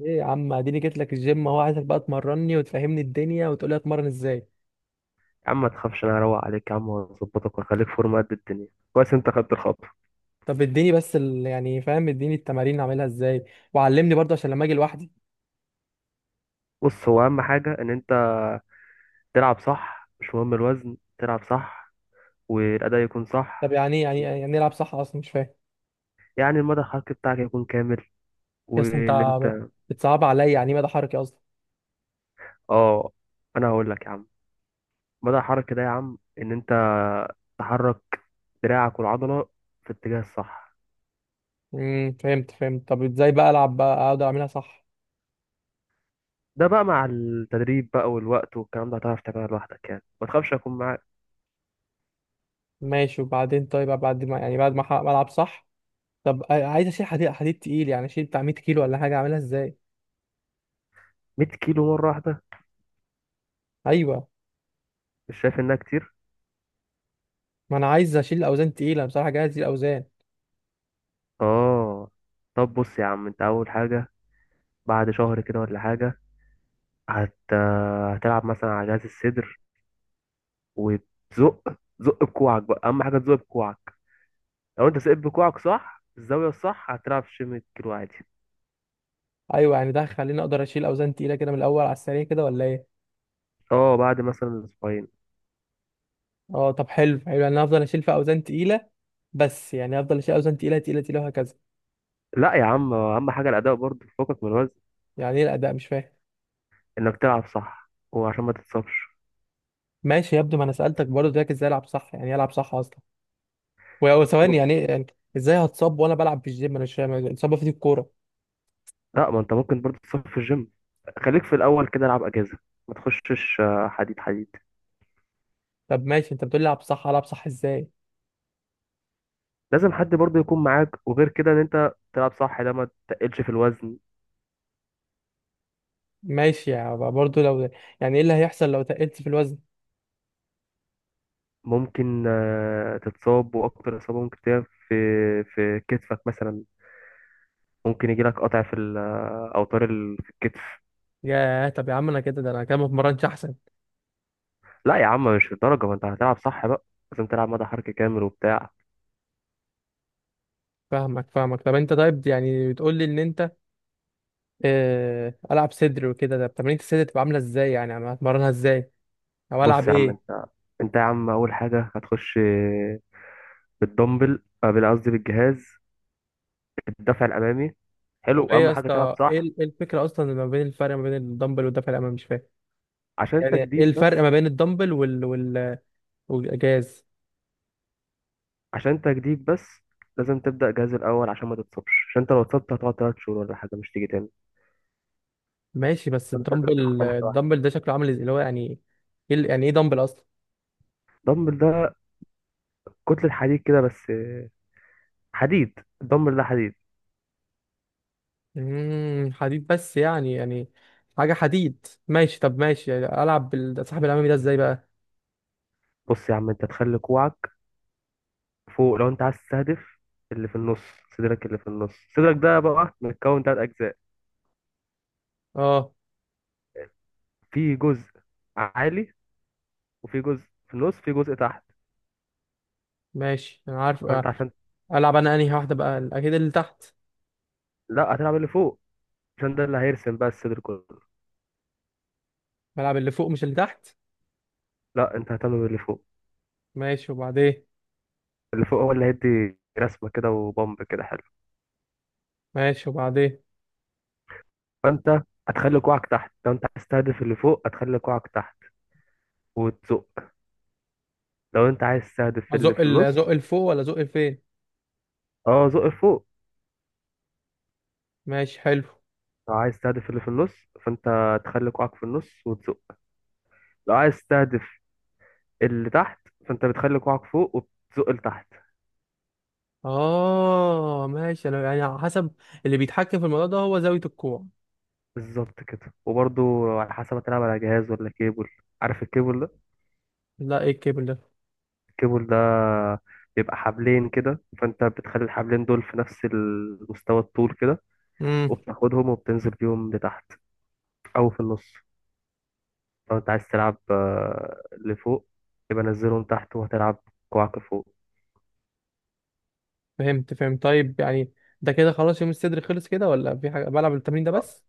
ايه يا عم، اديني جيت لك الجيم اهو، عايزك بقى تمرني وتفهمني الدنيا وتقول لي اتمرن ازاي؟ يا عم، ما تخافش، انا هروق عليك يا عم، واظبطك واخليك فورمه قد الدنيا. كويس، انت خدت الخطوه. طب اديني بس يعني فاهم، اديني التمارين اعملها ازاي؟ وعلمني برضه عشان لما اجي لوحدي. بص، هو اهم حاجه ان انت تلعب صح. مش مهم الوزن، تلعب صح، والاداء يكون طب صح. يعني يعني نلعب صح اصلا، مش فاهم. يعني المدى الحركي بتاعك يكون كامل، يا اسطى، انت وان ب- انت... بتصعب عليا. يعني إيه مدى حركي اصلا؟ اه، انا هقول لك يا عم. مدى الحركي ده يا عم، ان انت تحرك دراعك والعضله في الاتجاه الصح. فهمت فهمت. طب ازاي بقى العب بقى، اقعد اعملها صح؟ ده بقى مع التدريب بقى والوقت والكلام ده، هتعرف تعملها لوحدك يعني، ما تخافش، اكون معاك. ماشي وبعدين، طيب بعد ما يعني بعد ما ما العب صح. طب عايز اشيل حديد حديد تقيل، يعني اشيل بتاع 100 كيلو ولا حاجه؟ اعملها ازاي؟ 100 كيلو مره واحده؟ ايوه، مش شايف انها كتير؟ ما انا عايز اشيل اوزان تقيله بصراحه، جاهز الاوزان. اه. طب بص يا عم، انت اول حاجه بعد شهر كده ولا حاجه هت... هتلعب مثلا على جهاز الصدر. وتزق زق بكوعك بقى، اهم حاجه تزق بكوعك. لو انت سقيت بكوعك صح، الزاويه الصح، هتلعب شيم الكيلو عادي. ايوه، يعني ده هيخليني اقدر اشيل اوزان تقيله كده من الاول على السريع كده، ولا ايه؟ اه، بعد مثلا اسبوعين. اه، طب حلو حلو، يعني انا افضل اشيل في اوزان تقيله. بس يعني افضل اشيل اوزان تقيله تقيله تقيله وهكذا. لا يا عم، اهم حاجه الاداء، برضه فوقك من الوزن. يعني ايه الاداء؟ مش فاهم. انك تلعب صح، وعشان ما تتصابش. ماشي، يبدو، ما انا سالتك برضه ده، ازاي العب صح؟ يعني إيه العب صح اصلا؟ وثواني، بص. يعني ايه يعني؟ ازاي هتصاب وانا بلعب في الجيم؟ انا مش فاهم الاصابه في دي الكوره. لا، ما انت ممكن برضه تتصاب في الجيم. خليك في الاول كده، العب اجازه، ما تخشش حديد حديد. طب ماشي، انت بتقول لي العب صح، العب صح ازاي؟ لازم حد برضه يكون معاك، وغير كده ان انت تلعب صح، ده ما تقلش في الوزن. ماشي، يعني برضه لو. يعني ايه اللي هيحصل لو تقلت في الوزن؟ ممكن تتصاب، واكتر اصابه ممكن تلاقيها في كتفك مثلا. ممكن يجي لك قطع في اوتار في الكتف. ياه، طب يا عم انا كده ما اتمرنش احسن. لا يا عم، مش للدرجه، ما انت هتلعب صح بقى. لازم تلعب مدى حركه كامل وبتاع. فاهمك فاهمك. طب انت، طيب يعني بتقول لي ان انت العب صدر وكده. ده تمارين الصدر تبقى عامله ازاي؟ يعني انا هتمرنها ازاي؟ او بص العب يا عم، ايه؟ انت يا عم، اول حاجه هتخش بالدمبل، قصدي بالجهاز، الدفع الامامي. هو حلو، ايه اهم يا حاجه تلعب اسطى، صح. ايه إيه الفكره اصلا ما بين الفرق ما بين الدمبل والدفع الامامي؟ مش فاهم. عشان انت يعني ايه جديد بس. الفرق ما بين الدمبل والاجاز؟ عشان تجديد بس، لازم تبدأ جهاز الأول عشان ما تتصابش، عشان انت لو اتصبت هتقعد تلات شهور ولا حاجة، مش تيجي تاني. ماشي، بس انت لازم تاخدها الدمبل واحدة واحدة. الدمبل ده شكله عامل ازاي اللي هو يعني؟ ايه يعني ايه دمبل اصلا؟ الدمبل ده كتلة حديد كده بس. حديد، الدمبل ده حديد. حديد بس يعني حاجه حديد، ماشي طب ماشي، يعني العب صاحب الامامي ده ازاي بقى؟ بص يا عم، انت تخلي كوعك فوق لو انت عايز تستهدف اللي في النص صدرك. اللي في النص صدرك ده بقى متكون تلات أجزاء. اه في جزء عالي، وفي جزء في النص، في جزء تحت. ماشي، انا عارف فانت آه، عشان العب انا انهي واحده بقى؟ اكيد اللي تحت. لا، هتلعب اللي فوق، عشان ده اللي هيرسم بقى الصدر كله. بلعب اللي فوق مش اللي تحت؟ لا، انت هتعمل اللي فوق. ماشي وبعدين. اللي فوق هو اللي هيدي رسمة كده وبامب كده حلو. ماشي وبعدين. فانت هتخلي كوعك تحت لو انت عايز تستهدف اللي فوق، هتخلي كوعك تحت وتزق. لو انت عايز تستهدف اللي ازق في النص. ازق لفوق ولا ازق لفين؟ اه، زق لفوق. ماشي حلو. لو عايز تستهدف اللي في النص فانت تخلي كوعك في النص وتزق. لو عايز تستهدف اللي تحت فانت بتخلي كوعك فوق وبتزق لتحت. اه ماشي، انا يعني على حسب. اللي بيتحكم في الموضوع ده هو زاوية الكوع. بالظبط كده، وبرضو على حسب هتلعب على جهاز ولا كيبل. عارف الكيبل ده؟ لا، ايه الكيبل ده؟ الكيبل ده بيبقى حبلين كده، فانت بتخلي الحبلين دول في نفس المستوى الطول كده. امم وبتاخدهم وبتنزل بيهم لتحت او في النص. لو انت عايز تلعب لفوق، يبقى نزلهم تحت وهتلعب كوعك فوق. فهمت فهمت، طيب يعني ده كده خلاص يوم الصدر خلص كده، ولا في حاجة؟ بلعب التمرين ده اه. بس؟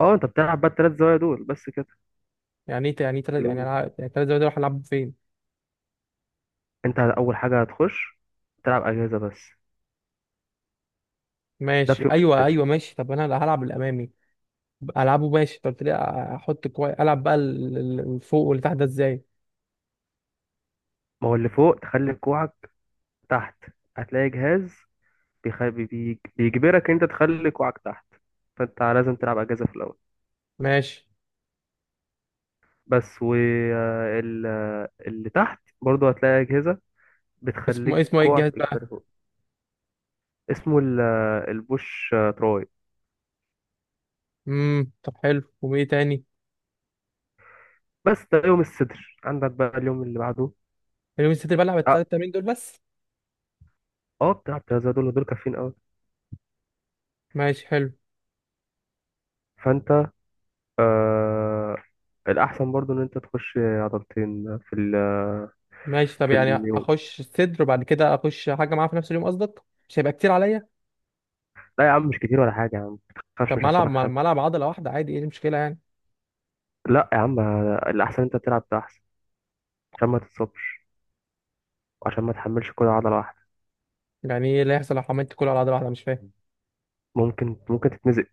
انت بتلعب بقى التلات زوايا دول بس كده. يعني ايه يعني تلات، يعني كلهم. يعني تلات زوايا دول هلعب فين؟ انت اول حاجة هتخش تلعب اجهزة بس. ده ماشي في وقت ايوه كده. ايوه ماشي، طب انا هلعب الامامي. العبه ماشي، طب قلت لي احط كويس، العب بقى الفوق واللي تحت ده ازاي؟ ما هو اللي فوق تخلي كوعك تحت، هتلاقي جهاز بيجبرك انت تخلي كوعك تحت. فانت لازم تلعب اجهزة في الاول. ماشي. بس واللي تحت برضو هتلاقي اجهزة اسمه إيه؟ بتخليك اسمه ايه كوعك الجهاز بقى؟ يجبرك فوق. اسمه البوش تراي. طب حلو، وايه تاني؟ بس ده يوم الصدر، عندك بقى اليوم اللي بعده. اليومين الصدر بلعب اه. التلات تمارين دول بس؟ بتاع الترازا دول كافيين قوي. ماشي حلو. فانت آه الاحسن برضو ان انت تخش عضلتين في ال... ماشي، طب في يعني اليوم. اخش الصدر وبعد كده اخش حاجه معاه في نفس اليوم قصدك؟ مش هيبقى كتير عليا؟ لا يا عم، مش كتير ولا حاجه يا عم. متخافش، طب مش ما هيحصل العب، لك ما حاجه. ما العب عضله واحده عادي، ايه المشكله يعني؟ لا يا عم، الاحسن انت تلعب ده احسن، عشان ما تتصابش، وعشان ما تحملش كل عضله واحده. يعني ايه اللي هيحصل لو عملت كله على عضله واحده؟ مش فاهم. ممكن تتمزق.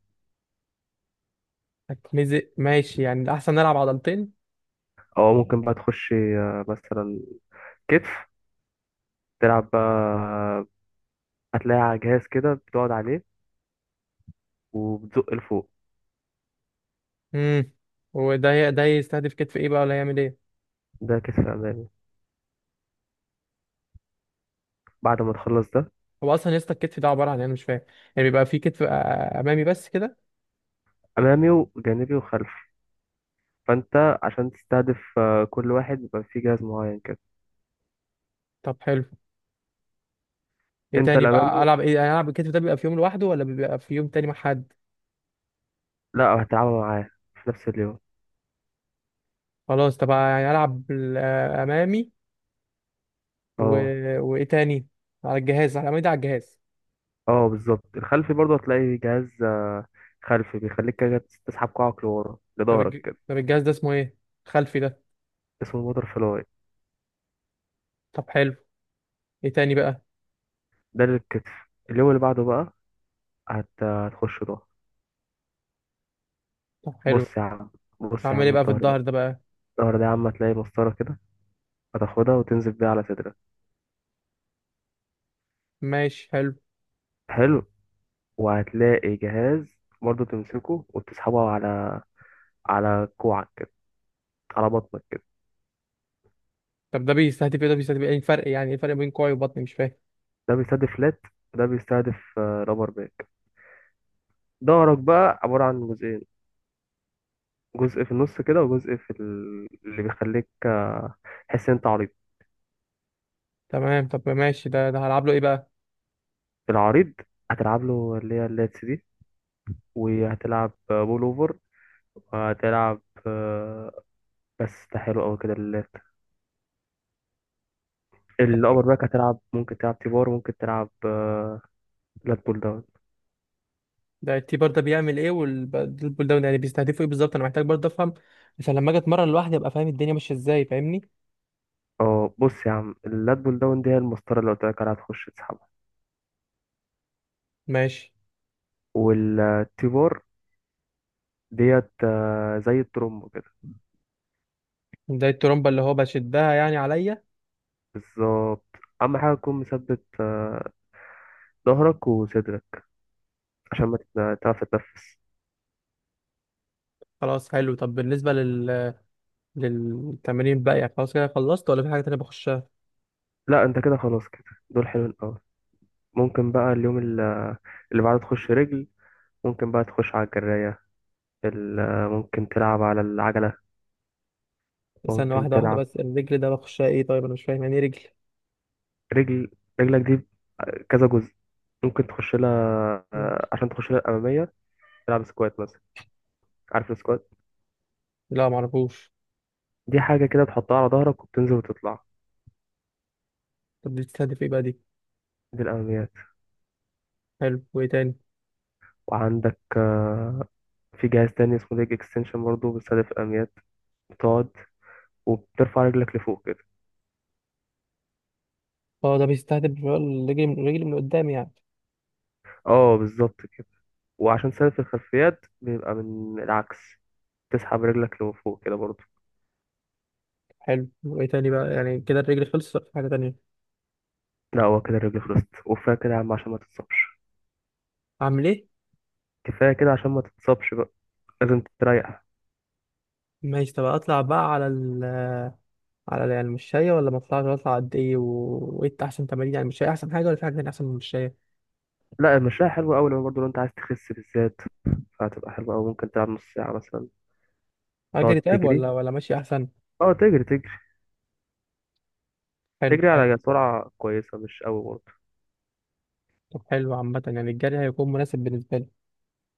هتمزق؟ ماشي، يعني الاحسن نلعب عضلتين. او ممكن بقى تخش مثلا كتف. تلعب بقى، هتلاقي على جهاز كده بتقعد عليه وبتزق لفوق. امم وده ده يستهدف كتف ايه بقى، ولا هيعمل ايه؟ ده كتف امامي. بعد ما تخلص ده. هو اصلا يسطا الكتف ده عباره عن إيه؟ انا مش فاهم. يعني بيبقى في كتف امامي بس كده؟ امامي وجانبي وخلفي. فانت عشان تستهدف كل واحد بيبقى فيه جهاز معين كده. طب حلو. ايه انت تاني بقى؟ الامامي، العب ايه؟ يعني العب الكتف ده بيبقى في يوم لوحده ولا بيبقى في يوم تاني مع حد؟ لا، هتلعبها معاه في نفس اليوم. خلاص، طب يعني العب امامي و. اه. وايه تاني؟ على الجهاز، على الامامي ده على الجهاز؟ اه بالظبط. الخلفي برضه هتلاقي جهاز خلفي، بيخليك كده تسحب كوعك لورا طب لظهرك كده. طب الجهاز ده اسمه ايه، خلفي ده؟ اسمه موتور فلاي. طب حلو. ايه تاني بقى؟ ده للكتف. اليوم اللي بعده بقى هتخش ظهر. طب حلو، بص يا عم بص يا اعمل ايه عم بقى في الظهر بقى. الظهر ده بقى؟ الظهر ده يا عم، هتلاقي مسطرة كده، هتاخدها وتنزل بيها على صدرك. ماشي حلو. حلو. وهتلاقي جهاز برضه تمسكه وتسحبه على كوعك كده، على بطنك كده. طب ده بيستهدف ايه، ده بيستهدف ايه؟ إيه الفرق؟ يعني ايه الفرق بين كوعي وبطني؟ مش فاهم. ده بيستهدف لات، وده بيستهدف رابر باك. ظهرك بقى عبارة عن جزئين. جزء في النص كده، وجزء اللي بيخليك تحس ان انت عريض. تمام، طب ماشي، ده هلعب له ايه بقى؟ العريض هتلعب له اللي هي اللاتس دي، وهتلعب بول اوفر، وهتلعب آه، بس ده حلو قوي كده اللات. الابر باك، هتلعب ممكن تلعب تيبار، ممكن تلعب لات بول داون. ده التيبر ده بيعمل ايه، والبول داون يعني بيستهدفوا ايه بالظبط؟ انا محتاج برضه افهم عشان لما اجي اتمرن لوحدي ابقى فاهم الدنيا ماشيه ازاي، فاهمني؟ اه، بص يا عم، اللات بول داون دي هي المسطرة اللي قلت لك عليها، هتخش تسحبها. ماشي. والتي بار ديت زي الترومبو كده. ده الترومبة اللي هو بشدها يعني عليا؟ بالظبط. أهم حاجة تكون مثبت ظهرك وصدرك، عشان ما تت- تعرف تتنفس. خلاص حلو، طب بالنسبة للتمرين بقى، يعني خلاص كده خلصت ولا في حاجة تانية بخشها؟ لا، انت كده خلاص كده. دول حلوين أوي. ممكن بقى اليوم اللي بعده تخش رجل. ممكن بقى تخش على الجراية. ممكن تلعب على العجلة. استنى ممكن واحدة واحدة، تلعب بس الرجل ده بخشها ايه طيب؟ انا مش فاهم يعني ايه رجل؟ رجل. رجلك دي كذا جزء. ممكن تخش لها، عشان تخش لها الأمامية، تلعب سكوات مثلا. عارف السكوات؟ لا، معرفوش. دي حاجة كده تحطها على ظهرك وبتنزل وتطلع. طب دي بتستهدف ايه بقى دي؟ دي الأماميات. حلو، وايه تاني؟ وعندك في جهاز تاني اسمه ليج اكستنشن، برضه بيستهدف الأماميات. بتقعد وبترفع رجلك لفوق كده. اه، ده بيستهدف بقى الرجل، الرجل من قدام يعني؟ اه بالظبط كده. وعشان تستهدف الخلفيات بيبقى من العكس، تسحب رجلك لفوق كده برضه. حلو، وايه تاني بقى؟ يعني كده الرجل خلصت ولا في حاجة تانية؟ لا، هو كده الرجل خلصت، وكفاية كده يا عم عشان ما تتصابش. اعمل ايه؟ كفاية كده عشان ما تتصابش بقى، لازم تريح. ماشي، طب اطلع بقى على على يعني المشاية، ولا ما اطلعش؟ اطلع قد ايه وايه احسن تمارين؟ يعني المشاية احسن حاجة ولا في حاجة تانية احسن من المشاية؟ لا، المشاية حلوة أوي، لو برضه لو أنت عايز تخس بالذات فهتبقى حلوة أوي. ممكن تلعب نص ساعة مثلا. تقعد اجري طيب، تجري. ولا ماشي احسن؟ اه، تجري تجري. حلو تجري حلو. على سرعة كويسة، مش قوي برضه. طب حلو عامه، يعني الجري هيكون مناسب بالنسبه لي.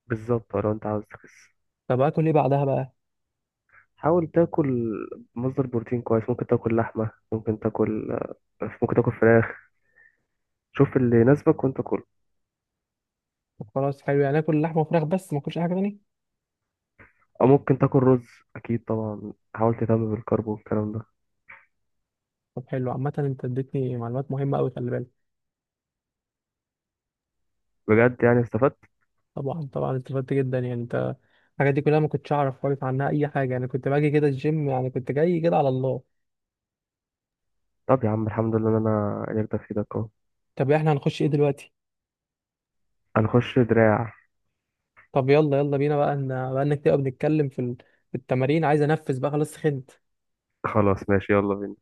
بالظبط لو انت عاوز تخس. طب اكل ايه بعدها بقى؟ حاول تاكل مصدر بروتين كويس. ممكن تاكل لحمة، ممكن تاكل فراخ. شوف اللي يناسبك وانت كله. طب خلاص حلو، يعني اكل لحمه وفراخ بس ما اكلش اي حاجه تاني؟ او ممكن تاكل رز. اكيد طبعا، حاول تهتم بالكرب والكلام ده. طب حلو عامه، انت اديتني معلومات مهمه قوي، خلي بالك. بجد، يعني استفدت. طبعا طبعا، استفدت جدا يعني. انت الحاجات دي كلها ما كنتش اعرف خالص عنها اي حاجه، يعني كنت باجي كده الجيم، يعني كنت جاي كده على الله. طب يا عم، الحمد لله ان انا قدرت افيدك اهو. طب احنا هنخش ايه دلوقتي؟ هنخش دراع. طب يلا يلا بينا بقى، ان بقى انك تبقى بنتكلم في في التمارين، عايز انفذ بقى خلاص، خنت. خلاص ماشي، يلا بينا.